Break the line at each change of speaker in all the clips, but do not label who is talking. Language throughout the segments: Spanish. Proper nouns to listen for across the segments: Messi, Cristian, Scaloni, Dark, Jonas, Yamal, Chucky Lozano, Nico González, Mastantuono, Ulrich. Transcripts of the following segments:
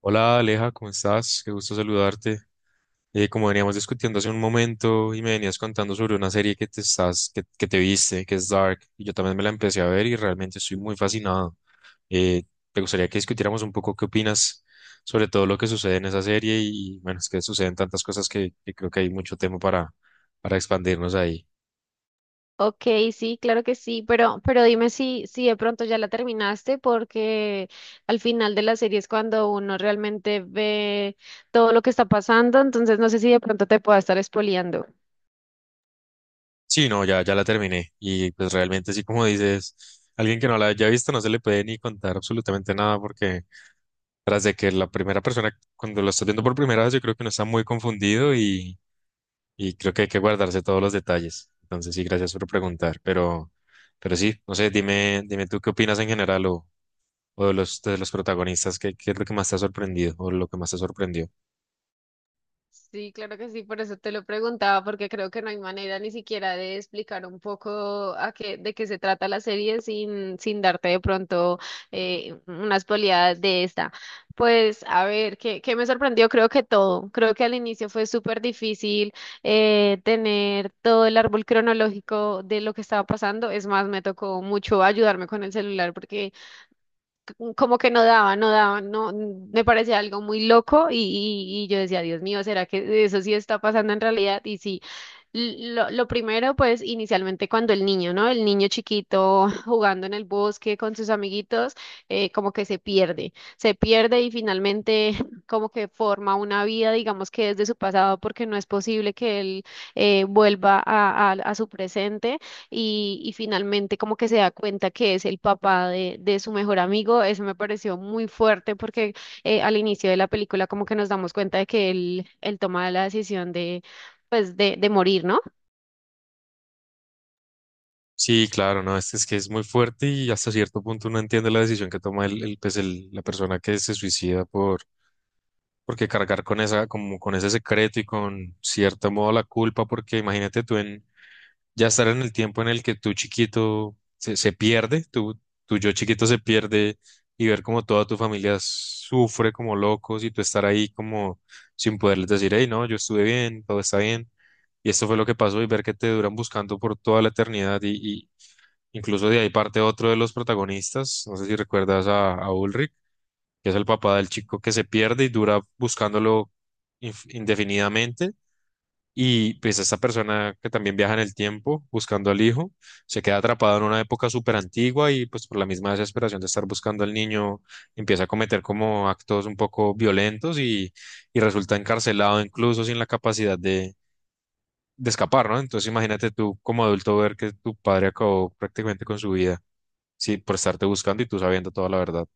Hola Aleja, ¿cómo estás? Qué gusto saludarte. Como veníamos discutiendo hace un momento y me venías contando sobre una serie que te viste, que es Dark, y yo también me la empecé a ver y realmente estoy muy fascinado. Eh, Me gustaría que discutiéramos un poco qué opinas sobre todo lo que sucede en esa serie y bueno, es que suceden tantas cosas que creo que hay mucho tema para expandirnos ahí.
Ok, sí, claro que sí, pero dime si de pronto ya la terminaste, porque al final de la serie es cuando uno realmente ve todo lo que está pasando, entonces no sé si de pronto te pueda estar spoileando.
Sí, no, ya la terminé y pues realmente sí, como dices, alguien que no la haya visto no se le puede ni contar absolutamente nada porque tras de que la primera persona, cuando lo está viendo por primera vez, yo creo que uno está muy confundido y creo que hay que guardarse todos los detalles. Entonces, sí, gracias por preguntar, pero sí, no sé, dime tú qué opinas en general o de de los protagonistas, qué es lo que más te ha sorprendido o lo que más te sorprendió.
Sí, claro que sí, por eso te lo preguntaba, porque creo que no hay manera ni siquiera de explicar un poco a qué, de qué se trata la serie sin darte de pronto una spoileada de esta. Pues a ver, ¿qué, qué me sorprendió? Creo que todo. Creo que al inicio fue súper difícil tener todo el árbol cronológico de lo que estaba pasando. Es más, me tocó mucho ayudarme con el celular porque como que no, me parecía algo muy loco y, y yo decía, Dios mío, ¿será que eso sí está pasando en realidad? Y sí, lo primero, pues inicialmente cuando el niño, ¿no? El niño chiquito jugando en el bosque con sus amiguitos, como que se pierde y finalmente como que forma una vida, digamos que desde su pasado, porque no es posible que él vuelva a su presente y finalmente como que se da cuenta que es el papá de su mejor amigo. Eso me pareció muy fuerte porque al inicio de la película como que nos damos cuenta de que él toma la decisión de, pues, de morir, ¿no?
Sí, claro, no, es que es muy fuerte y hasta cierto punto uno entiende la decisión que toma la persona que se suicida porque cargar con esa, como con ese secreto y con cierto modo la culpa, porque imagínate tú en ya estar en el tiempo en el que tu chiquito se pierde, tu yo chiquito se pierde y ver como toda tu familia sufre como locos y tú estar ahí como sin poderles decir, hey, no, yo estuve bien, todo está bien. Y esto fue lo que pasó y ver que te duran buscando por toda la eternidad y incluso de ahí parte otro de los protagonistas, no sé si recuerdas a Ulrich, que es el papá del chico que se pierde y dura buscándolo indefinidamente y pues esta persona que también viaja en el tiempo buscando al hijo, se queda atrapada en una época súper antigua y pues por la misma desesperación de estar buscando al niño, empieza a cometer como actos un poco violentos y resulta encarcelado incluso sin la capacidad de escapar, ¿no? Entonces imagínate tú como adulto ver que tu padre acabó prácticamente con su vida, sí, por estarte buscando y tú sabiendo toda la verdad.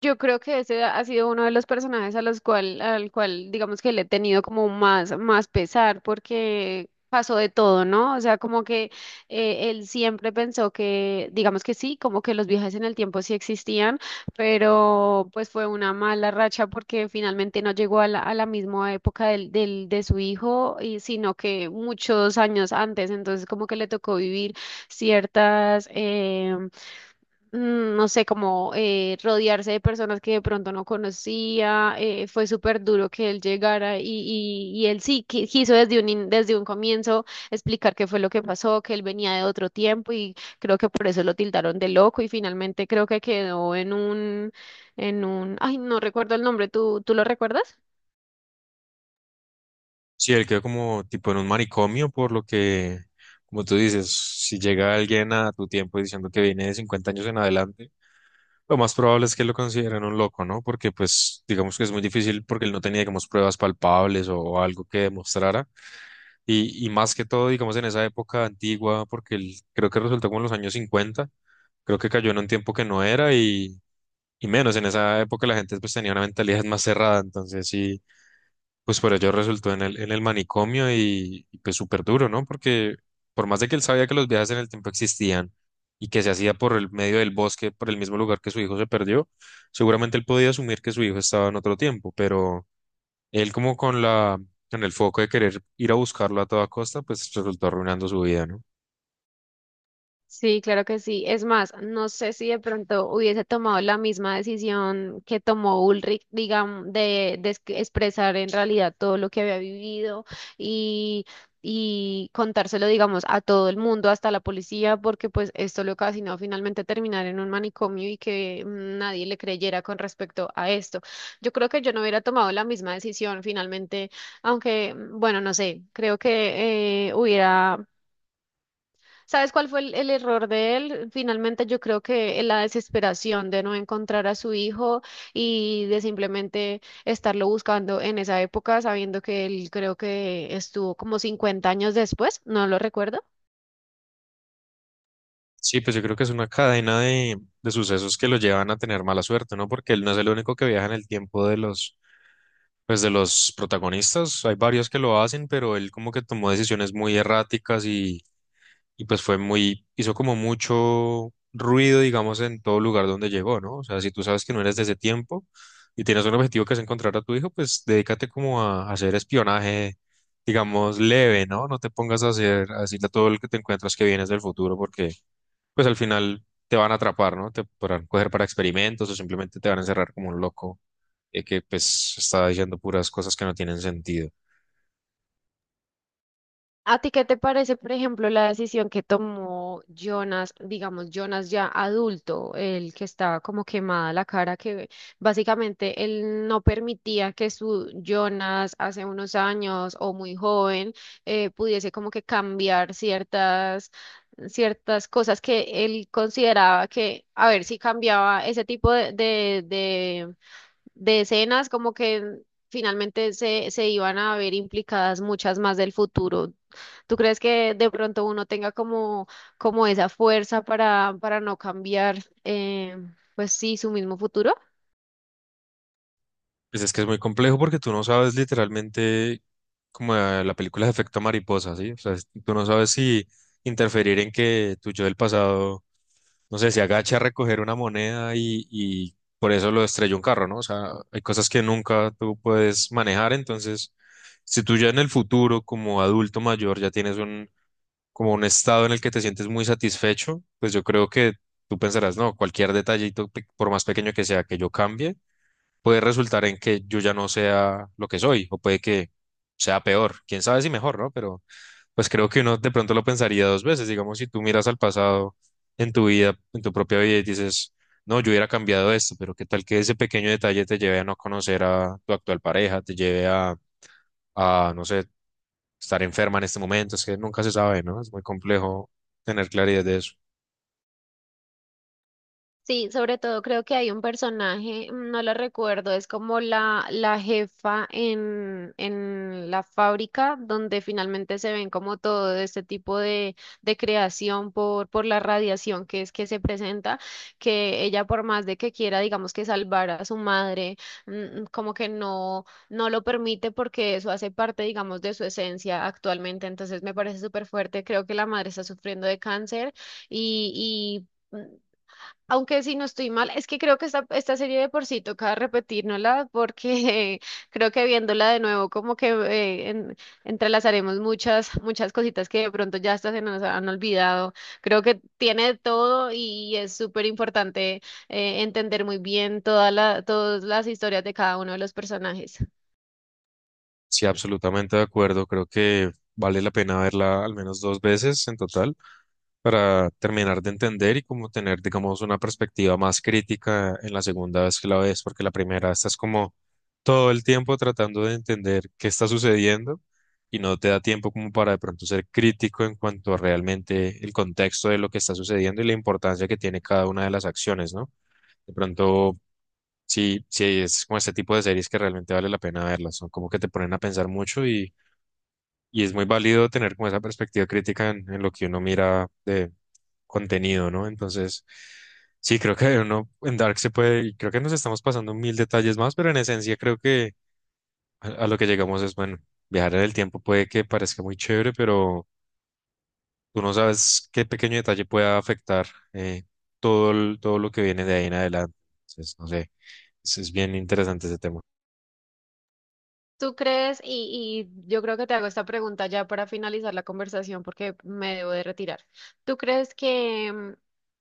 Yo creo que ese ha sido uno de los personajes a los cual, al cual, digamos que le he tenido como más pesar porque pasó de todo, ¿no? O sea, como que él siempre pensó que, digamos que sí, como que los viajes en el tiempo sí existían, pero pues fue una mala racha porque finalmente no llegó a la misma época de su hijo, y, sino que muchos años antes, entonces como que le tocó vivir ciertas em, no sé, como rodearse de personas que de pronto no conocía, fue súper duro que él llegara y, y él sí quiso desde desde un comienzo explicar qué fue lo que pasó, que él venía de otro tiempo y creo que por eso lo tildaron de loco y finalmente creo que quedó en ay, no recuerdo el nombre, ¿tú lo recuerdas?
Sí, él quedó como tipo en un manicomio, por lo que, como tú dices, si llega alguien a tu tiempo diciendo que viene de 50 años en adelante, lo más probable es que lo consideren un loco, ¿no? Porque pues digamos que es muy difícil porque él no tenía, digamos, pruebas palpables o algo que demostrara. Y más que todo, digamos, en esa época antigua, porque él creo que resultó como en los años 50, creo que cayó en un tiempo que no era y menos, en esa época la gente pues tenía una mentalidad más cerrada, entonces sí, pues por ello resultó en en el manicomio pues súper duro, ¿no? Porque por más de que él sabía que los viajes en el tiempo existían y que se hacía por el medio del bosque, por el mismo lugar que su hijo se perdió, seguramente él podía asumir que su hijo estaba en otro tiempo, pero él como con con el foco de querer ir a buscarlo a toda costa, pues resultó arruinando su vida, ¿no?
Sí, claro que sí. Es más, no sé si de pronto hubiese tomado la misma decisión que tomó Ulrich, digamos, de expresar en realidad todo lo que había vivido y, y contárselo, digamos, a todo el mundo, hasta la policía, porque pues esto le ocasionó finalmente terminar en un manicomio y que nadie le creyera con respecto a esto. Yo creo que yo no hubiera tomado la misma decisión finalmente, aunque, bueno, no sé, creo que hubiera. ¿Sabes cuál fue el error de él? Finalmente yo creo que en la desesperación de no encontrar a su hijo y de simplemente estarlo buscando en esa época, sabiendo que él creo que estuvo como 50 años después, no lo recuerdo.
Sí, pues yo creo que es una cadena de sucesos que lo llevan a tener mala suerte, ¿no? Porque él no es el único que viaja en el tiempo de pues de los protagonistas. Hay varios que lo hacen, pero él como que tomó decisiones muy erráticas y pues fue muy, hizo como mucho ruido, digamos, en todo lugar donde llegó, ¿no? O sea, si tú sabes que no eres de ese tiempo y tienes un objetivo que es encontrar a tu hijo, pues dedícate como a hacer espionaje, digamos, leve, ¿no? No te pongas a hacer, a decirle a todo el que te encuentras que vienes del futuro porque pues al final te van a atrapar, ¿no? Te podrán coger para experimentos o simplemente te van a encerrar como un loco, que pues está diciendo puras cosas que no tienen sentido.
¿A ti qué te parece, por ejemplo, la decisión que tomó Jonas, digamos, Jonas ya adulto, el que estaba como quemada la cara, que básicamente él no permitía que su Jonas hace unos años o muy joven pudiese como que cambiar ciertas, ciertas cosas que él consideraba que, a ver, si cambiaba ese tipo de, de de escenas, como que finalmente se iban a ver implicadas muchas más del futuro. ¿Tú crees que de pronto uno tenga como, como esa fuerza para no cambiar, eh, pues sí, su mismo futuro?
Pues es que es muy complejo porque tú no sabes literalmente como, la película de efecto mariposa, ¿sí? O sea, tú no sabes si interferir en que tu yo del pasado, no sé, se agache a recoger una moneda y por eso lo estrelló un carro, ¿no? O sea, hay cosas que nunca tú puedes manejar, entonces si tú ya en el futuro, como adulto mayor, ya tienes un como un estado en el que te sientes muy satisfecho, pues yo creo que tú pensarás, no, cualquier detallito, por más pequeño que sea, que yo cambie, puede resultar en que yo ya no sea lo que soy, o puede que sea peor, quién sabe si mejor, ¿no? Pero pues creo que uno de pronto lo pensaría dos veces, digamos, si tú miras al pasado en tu vida, en tu propia vida y dices, no, yo hubiera cambiado esto, pero qué tal que ese pequeño detalle te lleve a no conocer a tu actual pareja, te lleve a, no sé, estar enferma en este momento, es que nunca se sabe, ¿no? Es muy complejo tener claridad de eso.
Sí, sobre todo creo que hay un personaje, no lo recuerdo, es como la jefa en la fábrica donde finalmente se ven como todo este tipo de creación por la radiación que es que se presenta, que ella por más de que quiera, digamos que salvar a su madre, como que no, no lo permite porque eso hace parte, digamos, de su esencia actualmente. Entonces me parece súper fuerte, creo que la madre está sufriendo de cáncer y... y aunque si no estoy mal, es que creo que esta serie de por sí toca repetírnosla porque creo que viéndola de nuevo como que entrelazaremos muchas, muchas cositas que de pronto ya hasta se nos han olvidado. Creo que tiene de todo y es súper importante entender muy bien toda la, todas las historias de cada uno de los personajes.
Sí, absolutamente de acuerdo, creo que vale la pena verla al menos dos veces en total para terminar de entender y como tener, digamos, una perspectiva más crítica en la segunda vez que la ves, porque la primera estás como todo el tiempo tratando de entender qué está sucediendo y no te da tiempo como para de pronto ser crítico en cuanto a realmente el contexto de lo que está sucediendo y la importancia que tiene cada una de las acciones, ¿no? De pronto sí, sí, es como este tipo de series que realmente vale la pena verlas, son como que te ponen a pensar mucho y es muy válido tener como esa perspectiva crítica en lo que uno mira de contenido, ¿no? Entonces, sí, creo que uno en Dark se puede, y creo que nos estamos pasando mil detalles más, pero en esencia creo que a lo que llegamos es, bueno, viajar en el tiempo puede que parezca muy chévere, pero tú no sabes qué pequeño detalle pueda afectar, eh, todo, todo lo que viene de ahí en adelante. Entonces, no sé, es bien interesante ese tema.
¿Tú crees? Y yo creo que te hago esta pregunta ya para finalizar la conversación porque me debo de retirar. ¿Tú crees que,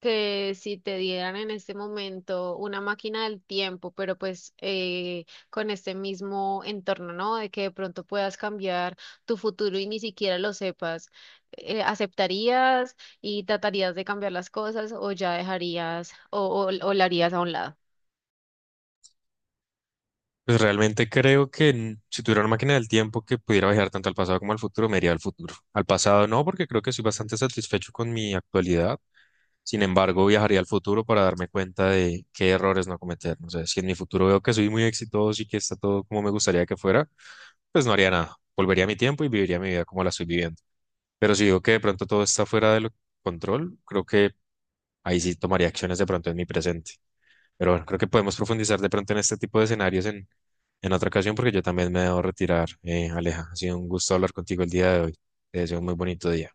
que si te dieran en este momento una máquina del tiempo, pero pues con este mismo entorno, ¿no? De que de pronto puedas cambiar tu futuro y ni siquiera lo sepas, ¿aceptarías y tratarías de cambiar las cosas o ya dejarías o la harías a un lado?
Pues realmente creo que, si tuviera una máquina del tiempo que pudiera viajar tanto al pasado como al futuro, me iría al futuro. Al pasado no, porque creo que soy bastante satisfecho con mi actualidad. Sin embargo, viajaría al futuro para darme cuenta de qué errores no cometer. No sé, si en mi futuro veo que soy muy exitoso y que está todo como me gustaría que fuera, pues no haría nada. Volvería a mi tiempo y viviría mi vida como la estoy viviendo. Pero si veo que de pronto todo está fuera de control, creo que ahí sí tomaría acciones de pronto en mi presente. Pero bueno, creo que podemos profundizar de pronto en este tipo de escenarios en otra ocasión porque yo también me debo retirar, Aleja. Ha sido un gusto hablar contigo el día de hoy. Te deseo un muy bonito día.